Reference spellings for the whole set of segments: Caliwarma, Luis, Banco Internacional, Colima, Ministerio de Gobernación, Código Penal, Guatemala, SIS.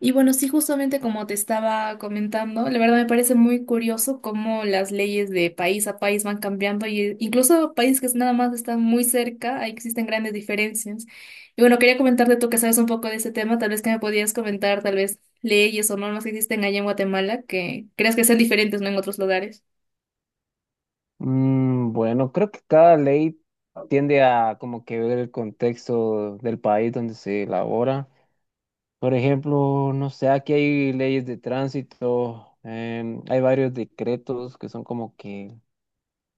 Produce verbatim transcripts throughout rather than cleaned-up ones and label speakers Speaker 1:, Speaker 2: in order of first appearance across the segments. Speaker 1: Y bueno, sí, justamente como te estaba comentando, la verdad me parece muy curioso cómo las leyes de país a país van cambiando y eh, incluso países que nada más están muy cerca, ahí existen grandes diferencias. Y bueno, quería comentarte tú que sabes un poco de ese tema, tal vez que me podías comentar tal vez leyes o normas que existen allá en Guatemala que creas que sean diferentes, ¿no? En otros lugares.
Speaker 2: Mm, bueno, creo que cada ley tiende a como que ver el contexto del país donde se elabora. Por ejemplo, no sé, aquí hay leyes de tránsito, em, hay varios decretos que son como que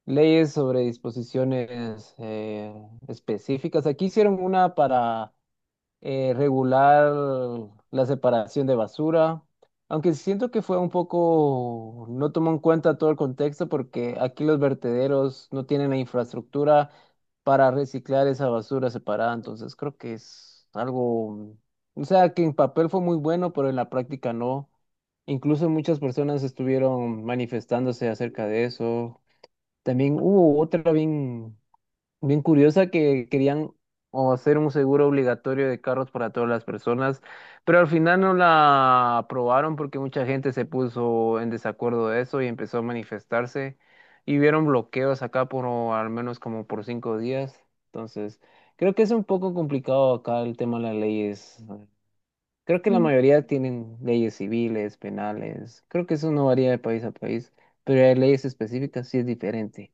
Speaker 2: leyes sobre disposiciones eh, específicas. Aquí hicieron una para eh, regular la separación de basura, aunque siento que fue un poco, no tomó en cuenta todo el contexto porque aquí los vertederos no tienen la infraestructura para reciclar esa basura separada, entonces creo que es algo, o sea, que en papel fue muy bueno, pero en la práctica no. Incluso muchas personas estuvieron manifestándose acerca de eso. También hubo otra bien Bien curiosa que querían o hacer un seguro obligatorio de carros para todas las personas, pero al final no la aprobaron porque mucha gente se puso en desacuerdo de eso y empezó a manifestarse y hubieron bloqueos acá por o al menos como por cinco días. Entonces, creo que es un poco complicado acá el tema de las leyes. Creo que la mayoría tienen leyes civiles, penales. Creo que eso no varía de país a país, pero hay leyes específicas sí es diferente.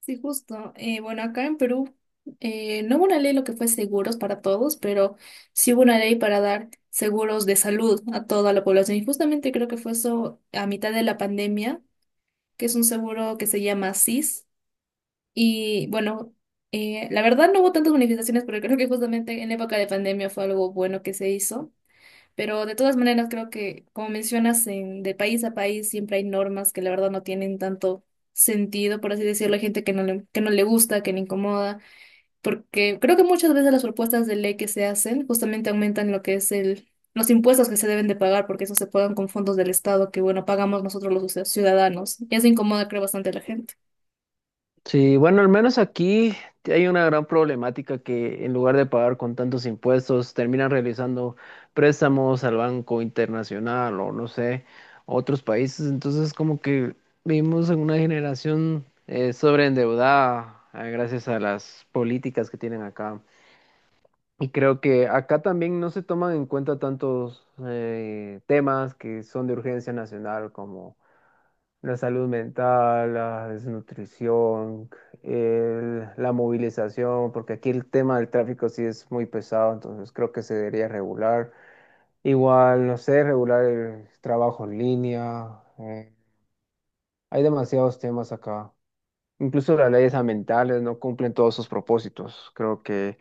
Speaker 1: Sí, justo. Eh, bueno, acá en Perú eh, no hubo una ley lo que fue seguros para todos, pero sí hubo una ley para dar seguros de salud a toda la población. Y justamente creo que fue eso a mitad de la pandemia, que es un seguro que se llama S I S. Y bueno, eh, la verdad no hubo tantas manifestaciones pero creo que justamente en época de pandemia fue algo bueno que se hizo. Pero de todas maneras, creo que, como mencionas, en, de país a país siempre hay normas que la verdad no tienen tanto sentido, por así decirlo. Hay gente que no le, que no le gusta, que le incomoda, porque creo que muchas veces las propuestas de ley que se hacen justamente aumentan lo que es el, los impuestos que se deben de pagar, porque eso se pagan con fondos del Estado que, bueno, pagamos nosotros los ci- ciudadanos. Y eso incomoda, creo, bastante a la gente.
Speaker 2: Sí, bueno, al menos aquí hay una gran problemática que en lugar de pagar con tantos impuestos, terminan realizando préstamos al Banco Internacional o no sé, a otros países. Entonces, como que vivimos en una generación eh, sobreendeudada eh, gracias a las políticas que tienen acá. Y creo que acá también no se toman en cuenta tantos eh, temas que son de urgencia nacional como la salud mental, la desnutrición, el- la movilización, porque aquí el tema del tráfico sí es muy pesado, entonces creo que se debería regular. Igual, no sé, regular el trabajo en línea. Eh, hay demasiados temas acá. Incluso las leyes ambientales no cumplen todos sus propósitos. Creo que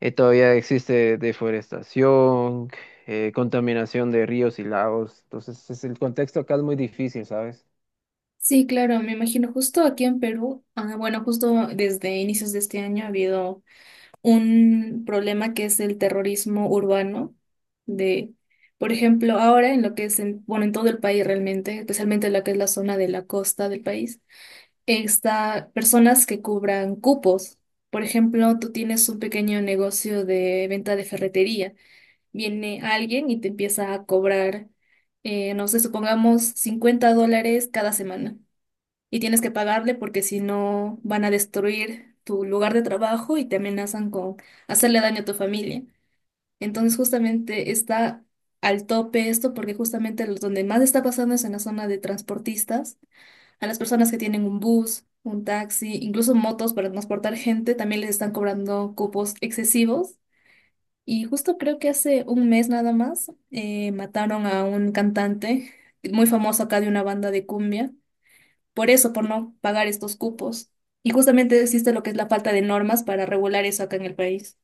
Speaker 2: eh, todavía existe deforestación, eh, contaminación de ríos y lagos. Entonces, es- el contexto acá es muy difícil, ¿sabes?
Speaker 1: Sí, claro, me imagino. Justo aquí en Perú, ah, bueno, justo desde inicios de este año ha habido un problema que es el terrorismo urbano de, por ejemplo, ahora en lo que es en, bueno, en todo el país realmente, especialmente en lo que es la zona de la costa del país, está personas que cubran cupos. Por ejemplo, tú tienes un pequeño negocio de venta de ferretería. Viene alguien y te empieza a cobrar, eh, no sé, supongamos cincuenta dólares cada semana y tienes que pagarle porque si no van a destruir tu lugar de trabajo y te amenazan con hacerle daño a tu familia. Entonces justamente está al tope esto porque justamente los donde más está pasando es en la zona de transportistas, a las personas que tienen un bus, un taxi, incluso motos para transportar gente, también les están cobrando cupos excesivos. Y justo creo que hace un mes nada más eh, mataron a un cantante muy famoso acá de una banda de cumbia por eso, por no pagar estos cupos. Y justamente existe lo que es la falta de normas para regular eso acá en el país.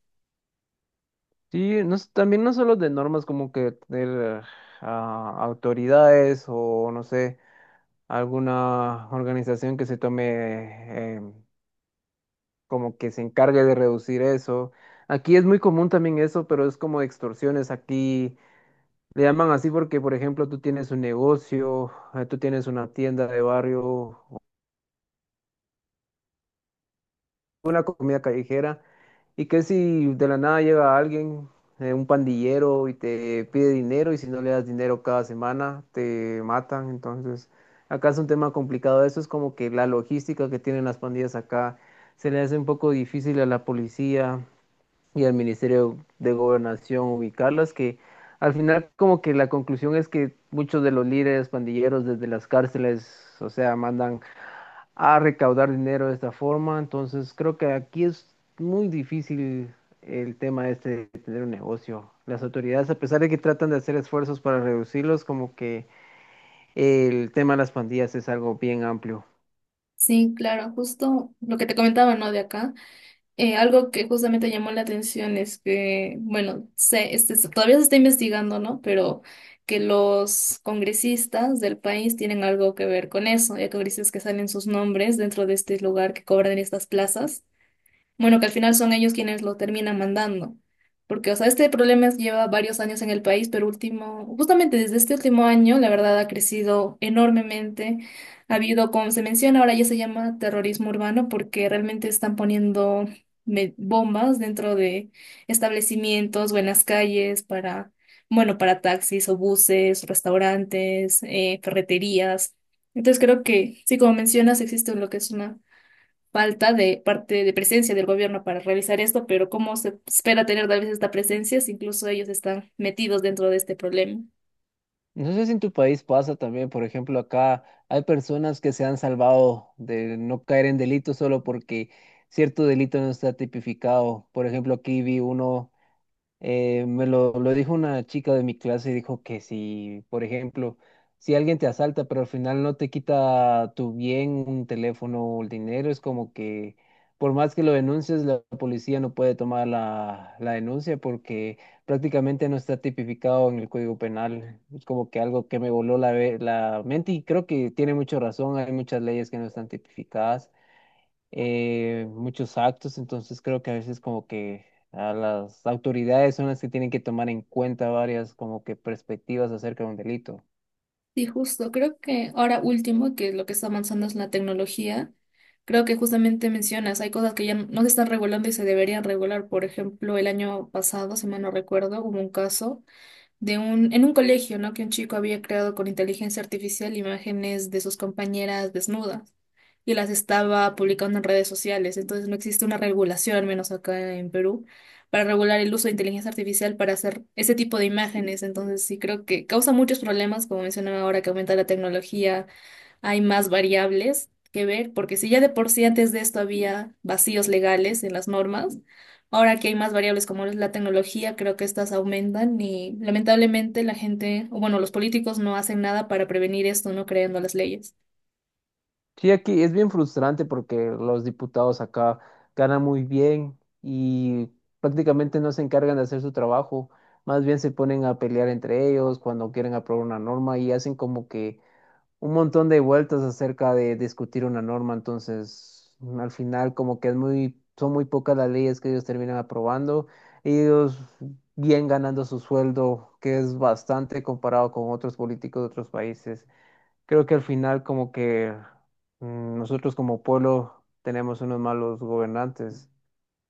Speaker 2: Sí, no, s- también no solo de normas, como que tener ah, autoridades o no sé, alguna organización que se tome, em, como que se encargue de reducir eso. Aquí es muy común también eso, pero es como extorsiones. Aquí le llaman así porque, por ejemplo, tú tienes un negocio, eh, tú tienes una tienda de barrio, comida callejera. ¿Y que si de la nada llega alguien, eh, un pandillero, y te pide dinero y si no le das dinero cada semana, te matan? Entonces, acá es un tema complicado. Eso es como que la logística que tienen las pandillas acá se le hace un poco difícil a la policía y al Ministerio de Gobernación ubicarlas, que al final como que la conclusión es que muchos de los líderes pandilleros desde las cárceles, o sea, mandan a recaudar dinero de esta forma. Entonces creo que aquí es muy difícil el tema este de tener un negocio. Las autoridades, a pesar de que tratan de hacer esfuerzos para reducirlos, como que el tema de las pandillas es algo bien amplio.
Speaker 1: Sí, claro, justo lo que te comentaba, ¿no? De acá, eh, algo que justamente llamó la atención es que, bueno, se, este, se- todavía se está investigando, ¿no? Pero que los congresistas del país tienen algo que ver con eso. Hay congresistas que salen sus nombres dentro de este lugar que cobran estas plazas. Bueno, que al final son ellos quienes lo terminan mandando. Porque, o sea, este problema es- lleva varios años en el país, pero último, justamente desde este último año, la verdad ha crecido enormemente. Ha habido, como se menciona, ahora ya se llama terrorismo urbano porque realmente están poniendo me- bombas dentro de establecimientos o en las calles para, bueno, para taxis o buses, restaurantes, eh, ferreterías. Entonces creo que, sí, como mencionas, existe lo que es una falta de parte de presencia del gobierno para realizar esto, pero ¿cómo se espera tener tal vez esta presencia si incluso ellos están metidos dentro de este problema?
Speaker 2: No sé si en tu país pasa también, por ejemplo, acá hay personas que se han salvado de no caer en delitos solo porque cierto delito no está tipificado. Por ejemplo, aquí vi uno. Eh, me lo, lo dijo una chica de mi clase y dijo que si, por ejemplo, si alguien te asalta, pero al final no te quita tu bien, un teléfono o el dinero, es como que por más que lo denuncies, la policía no puede tomar la, la denuncia porque prácticamente no está tipificado en el Código Penal. Es como que algo que me voló la, ve- la mente y creo que tiene mucha razón, hay muchas leyes que no están tipificadas, eh, muchos actos, entonces creo que a veces como que a las autoridades son las que tienen que tomar en cuenta varias como que perspectivas acerca de un delito.
Speaker 1: Sí, justo. Creo que ahora último, que lo que está avanzando es la tecnología. Creo que justamente mencionas, hay cosas que ya no se están regulando y se deberían regular. Por ejemplo, el año pasado, si mal no recuerdo, hubo un caso de un, en un colegio, ¿no? Que un chico había creado con inteligencia artificial imágenes de sus compañeras desnudas y las estaba publicando en redes sociales. Entonces no existe una regulación, al menos acá en Perú, para regular el uso de inteligencia artificial para hacer ese tipo de imágenes. Entonces sí creo que causa muchos problemas, como mencionaba ahora, que aumenta la tecnología hay más variables que ver, porque si ya de por sí antes de esto había vacíos legales en las normas, ahora que hay más variables como es la tecnología, creo que estas aumentan y lamentablemente la gente, o bueno, los políticos no hacen nada para prevenir esto, no creando las leyes.
Speaker 2: Sí, aquí es bien frustrante porque los diputados acá ganan muy bien y prácticamente no se encargan de hacer su trabajo, más bien se ponen a pelear entre ellos cuando quieren aprobar una norma y hacen como que un montón de vueltas acerca de discutir una norma, entonces mm, al final como que es muy, son muy pocas las leyes que ellos terminan aprobando, ellos bien ganando su sueldo, que es bastante comparado con otros políticos de otros países. Creo que al final como que mm, nosotros como pueblo tenemos unos malos gobernantes.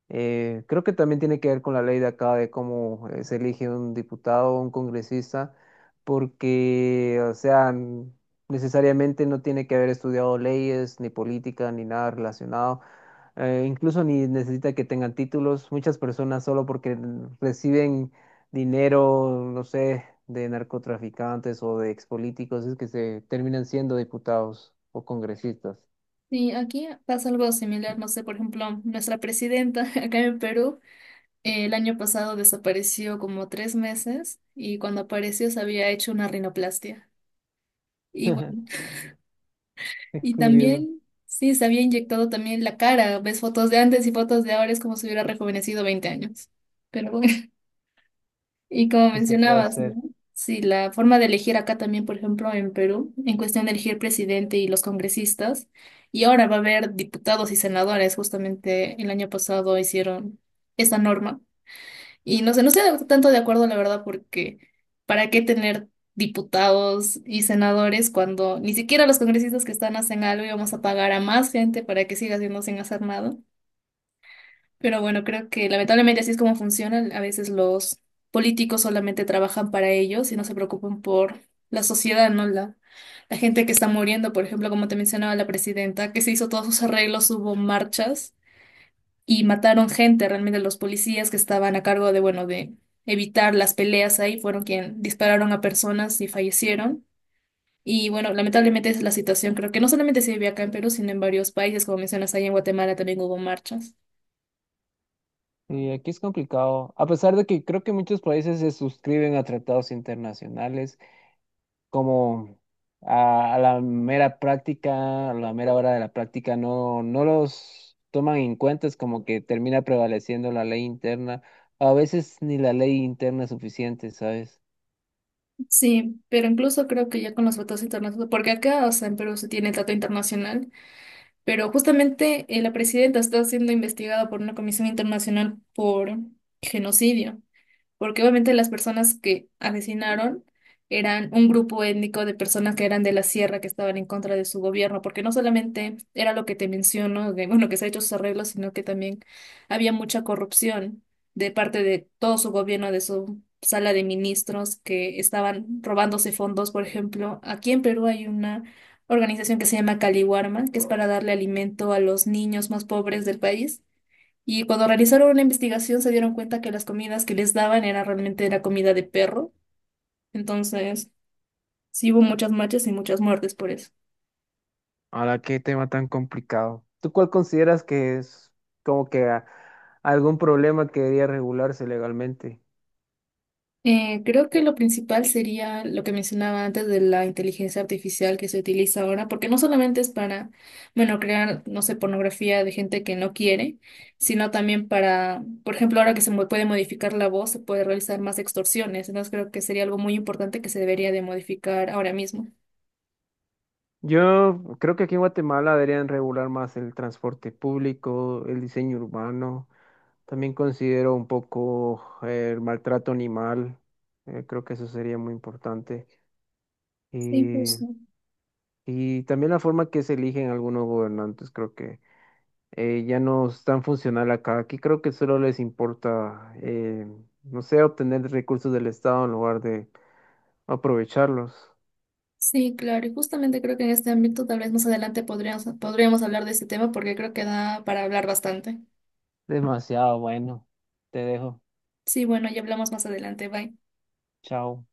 Speaker 2: Eh, creo que también tiene que ver con la ley de acá de cómo eh, se elige un diputado o un congresista, porque, o sea, n- necesariamente no tiene que haber estudiado leyes, ni política, ni nada relacionado. Eh, incluso ni necesita que tengan títulos. Muchas personas solo porque n- reciben dinero, no sé, de narcotraficantes o de expolíticos, es que se terminan siendo diputados o congresistas.
Speaker 1: Sí, aquí pasa algo similar, no sé, por ejemplo, nuestra presidenta acá en Perú eh, el año pasado desapareció como tres meses y cuando apareció se había hecho una rinoplastia. Y bueno,
Speaker 2: Es
Speaker 1: y
Speaker 2: curioso
Speaker 1: también, sí, se había inyectado también la cara. Ves fotos de antes y fotos de ahora, es como si hubiera rejuvenecido veinte años. Pero bueno, y como
Speaker 2: que se pueda
Speaker 1: mencionabas, ¿no?
Speaker 2: hacer.
Speaker 1: Sí, la forma de elegir acá también, por ejemplo, en Perú, en cuestión de elegir presidente y los congresistas, y ahora va a haber diputados y senadores, justamente el año pasado hicieron esa norma y no sé, no estoy tanto de acuerdo, la verdad, porque ¿para qué tener diputados y senadores cuando ni siquiera los congresistas que están hacen algo y vamos a pagar a más gente para que siga haciendo sin hacer nada? Pero bueno, creo que lamentablemente así es como funcionan. A veces los políticos solamente trabajan para ellos y no se preocupan por la sociedad, ¿no? La, la gente que está muriendo, por ejemplo, como te mencionaba la presidenta, que se hizo todos sus arreglos, hubo marchas y mataron gente, realmente los policías que estaban a cargo de, bueno, de evitar las peleas ahí, fueron quien dispararon a personas y fallecieron. Y bueno, lamentablemente es la situación, creo que no solamente se vive acá en Perú, sino en varios países, como mencionas, ahí en Guatemala también hubo marchas.
Speaker 2: Y aquí es complicado, a pesar de que creo que muchos países se suscriben a tratados internacionales, como a, a la mera práctica, a la mera hora de la práctica, no, no los toman en cuenta, es como que termina prevaleciendo la ley interna, a veces ni la ley interna es suficiente, ¿sabes?
Speaker 1: Sí, pero incluso creo que ya con los votos internacionales, porque acá, o sea, en Perú se tiene el trato internacional, pero justamente eh, la presidenta está siendo investigada por una comisión internacional por genocidio. Porque obviamente las personas que asesinaron eran un grupo étnico de personas que eran de la sierra que estaban en contra de su gobierno, porque no solamente era lo que te menciono, de, bueno, que se ha hecho sus arreglos, sino que también había mucha corrupción de parte de todo su gobierno, de su sala de ministros que estaban robándose fondos, por ejemplo, aquí en Perú hay una organización que se llama Caliwarma, que es para darle alimento a los niños más pobres del país. Y cuando realizaron una investigación se dieron cuenta que las comidas que les daban era realmente la comida de perro. Entonces, sí hubo muchas marchas y muchas muertes por eso.
Speaker 2: Ahora, qué tema tan complicado. ¿Tú cuál consideras que es como que a- algún problema que debería regularse legalmente?
Speaker 1: Eh, creo que lo principal sería lo que mencionaba antes de la inteligencia artificial que se utiliza ahora, porque no solamente es para, bueno, crear, no sé, pornografía de gente que no quiere, sino también para, por ejemplo, ahora que se mo- puede modificar la voz, se puede realizar más extorsiones. Entonces, creo que sería algo muy importante que se debería de modificar ahora mismo.
Speaker 2: Yo creo que aquí en Guatemala deberían regular más el transporte público, el diseño urbano. También considero un poco eh, el maltrato animal. eh, creo que eso sería muy importante.
Speaker 1: Sí,
Speaker 2: Y,
Speaker 1: justo.
Speaker 2: y también la forma que se eligen algunos gobernantes, creo que eh, ya no es tan funcional acá. Aquí creo que solo les importa, eh, no sé, obtener recursos del Estado en lugar de aprovecharlos.
Speaker 1: Sí, claro, y justamente creo que en este ámbito tal vez más adelante podríamos, podríamos hablar de este tema porque creo que da para hablar bastante.
Speaker 2: Demasiado bueno. Te dejo.
Speaker 1: Sí, bueno, ya hablamos más adelante, bye.
Speaker 2: Chao.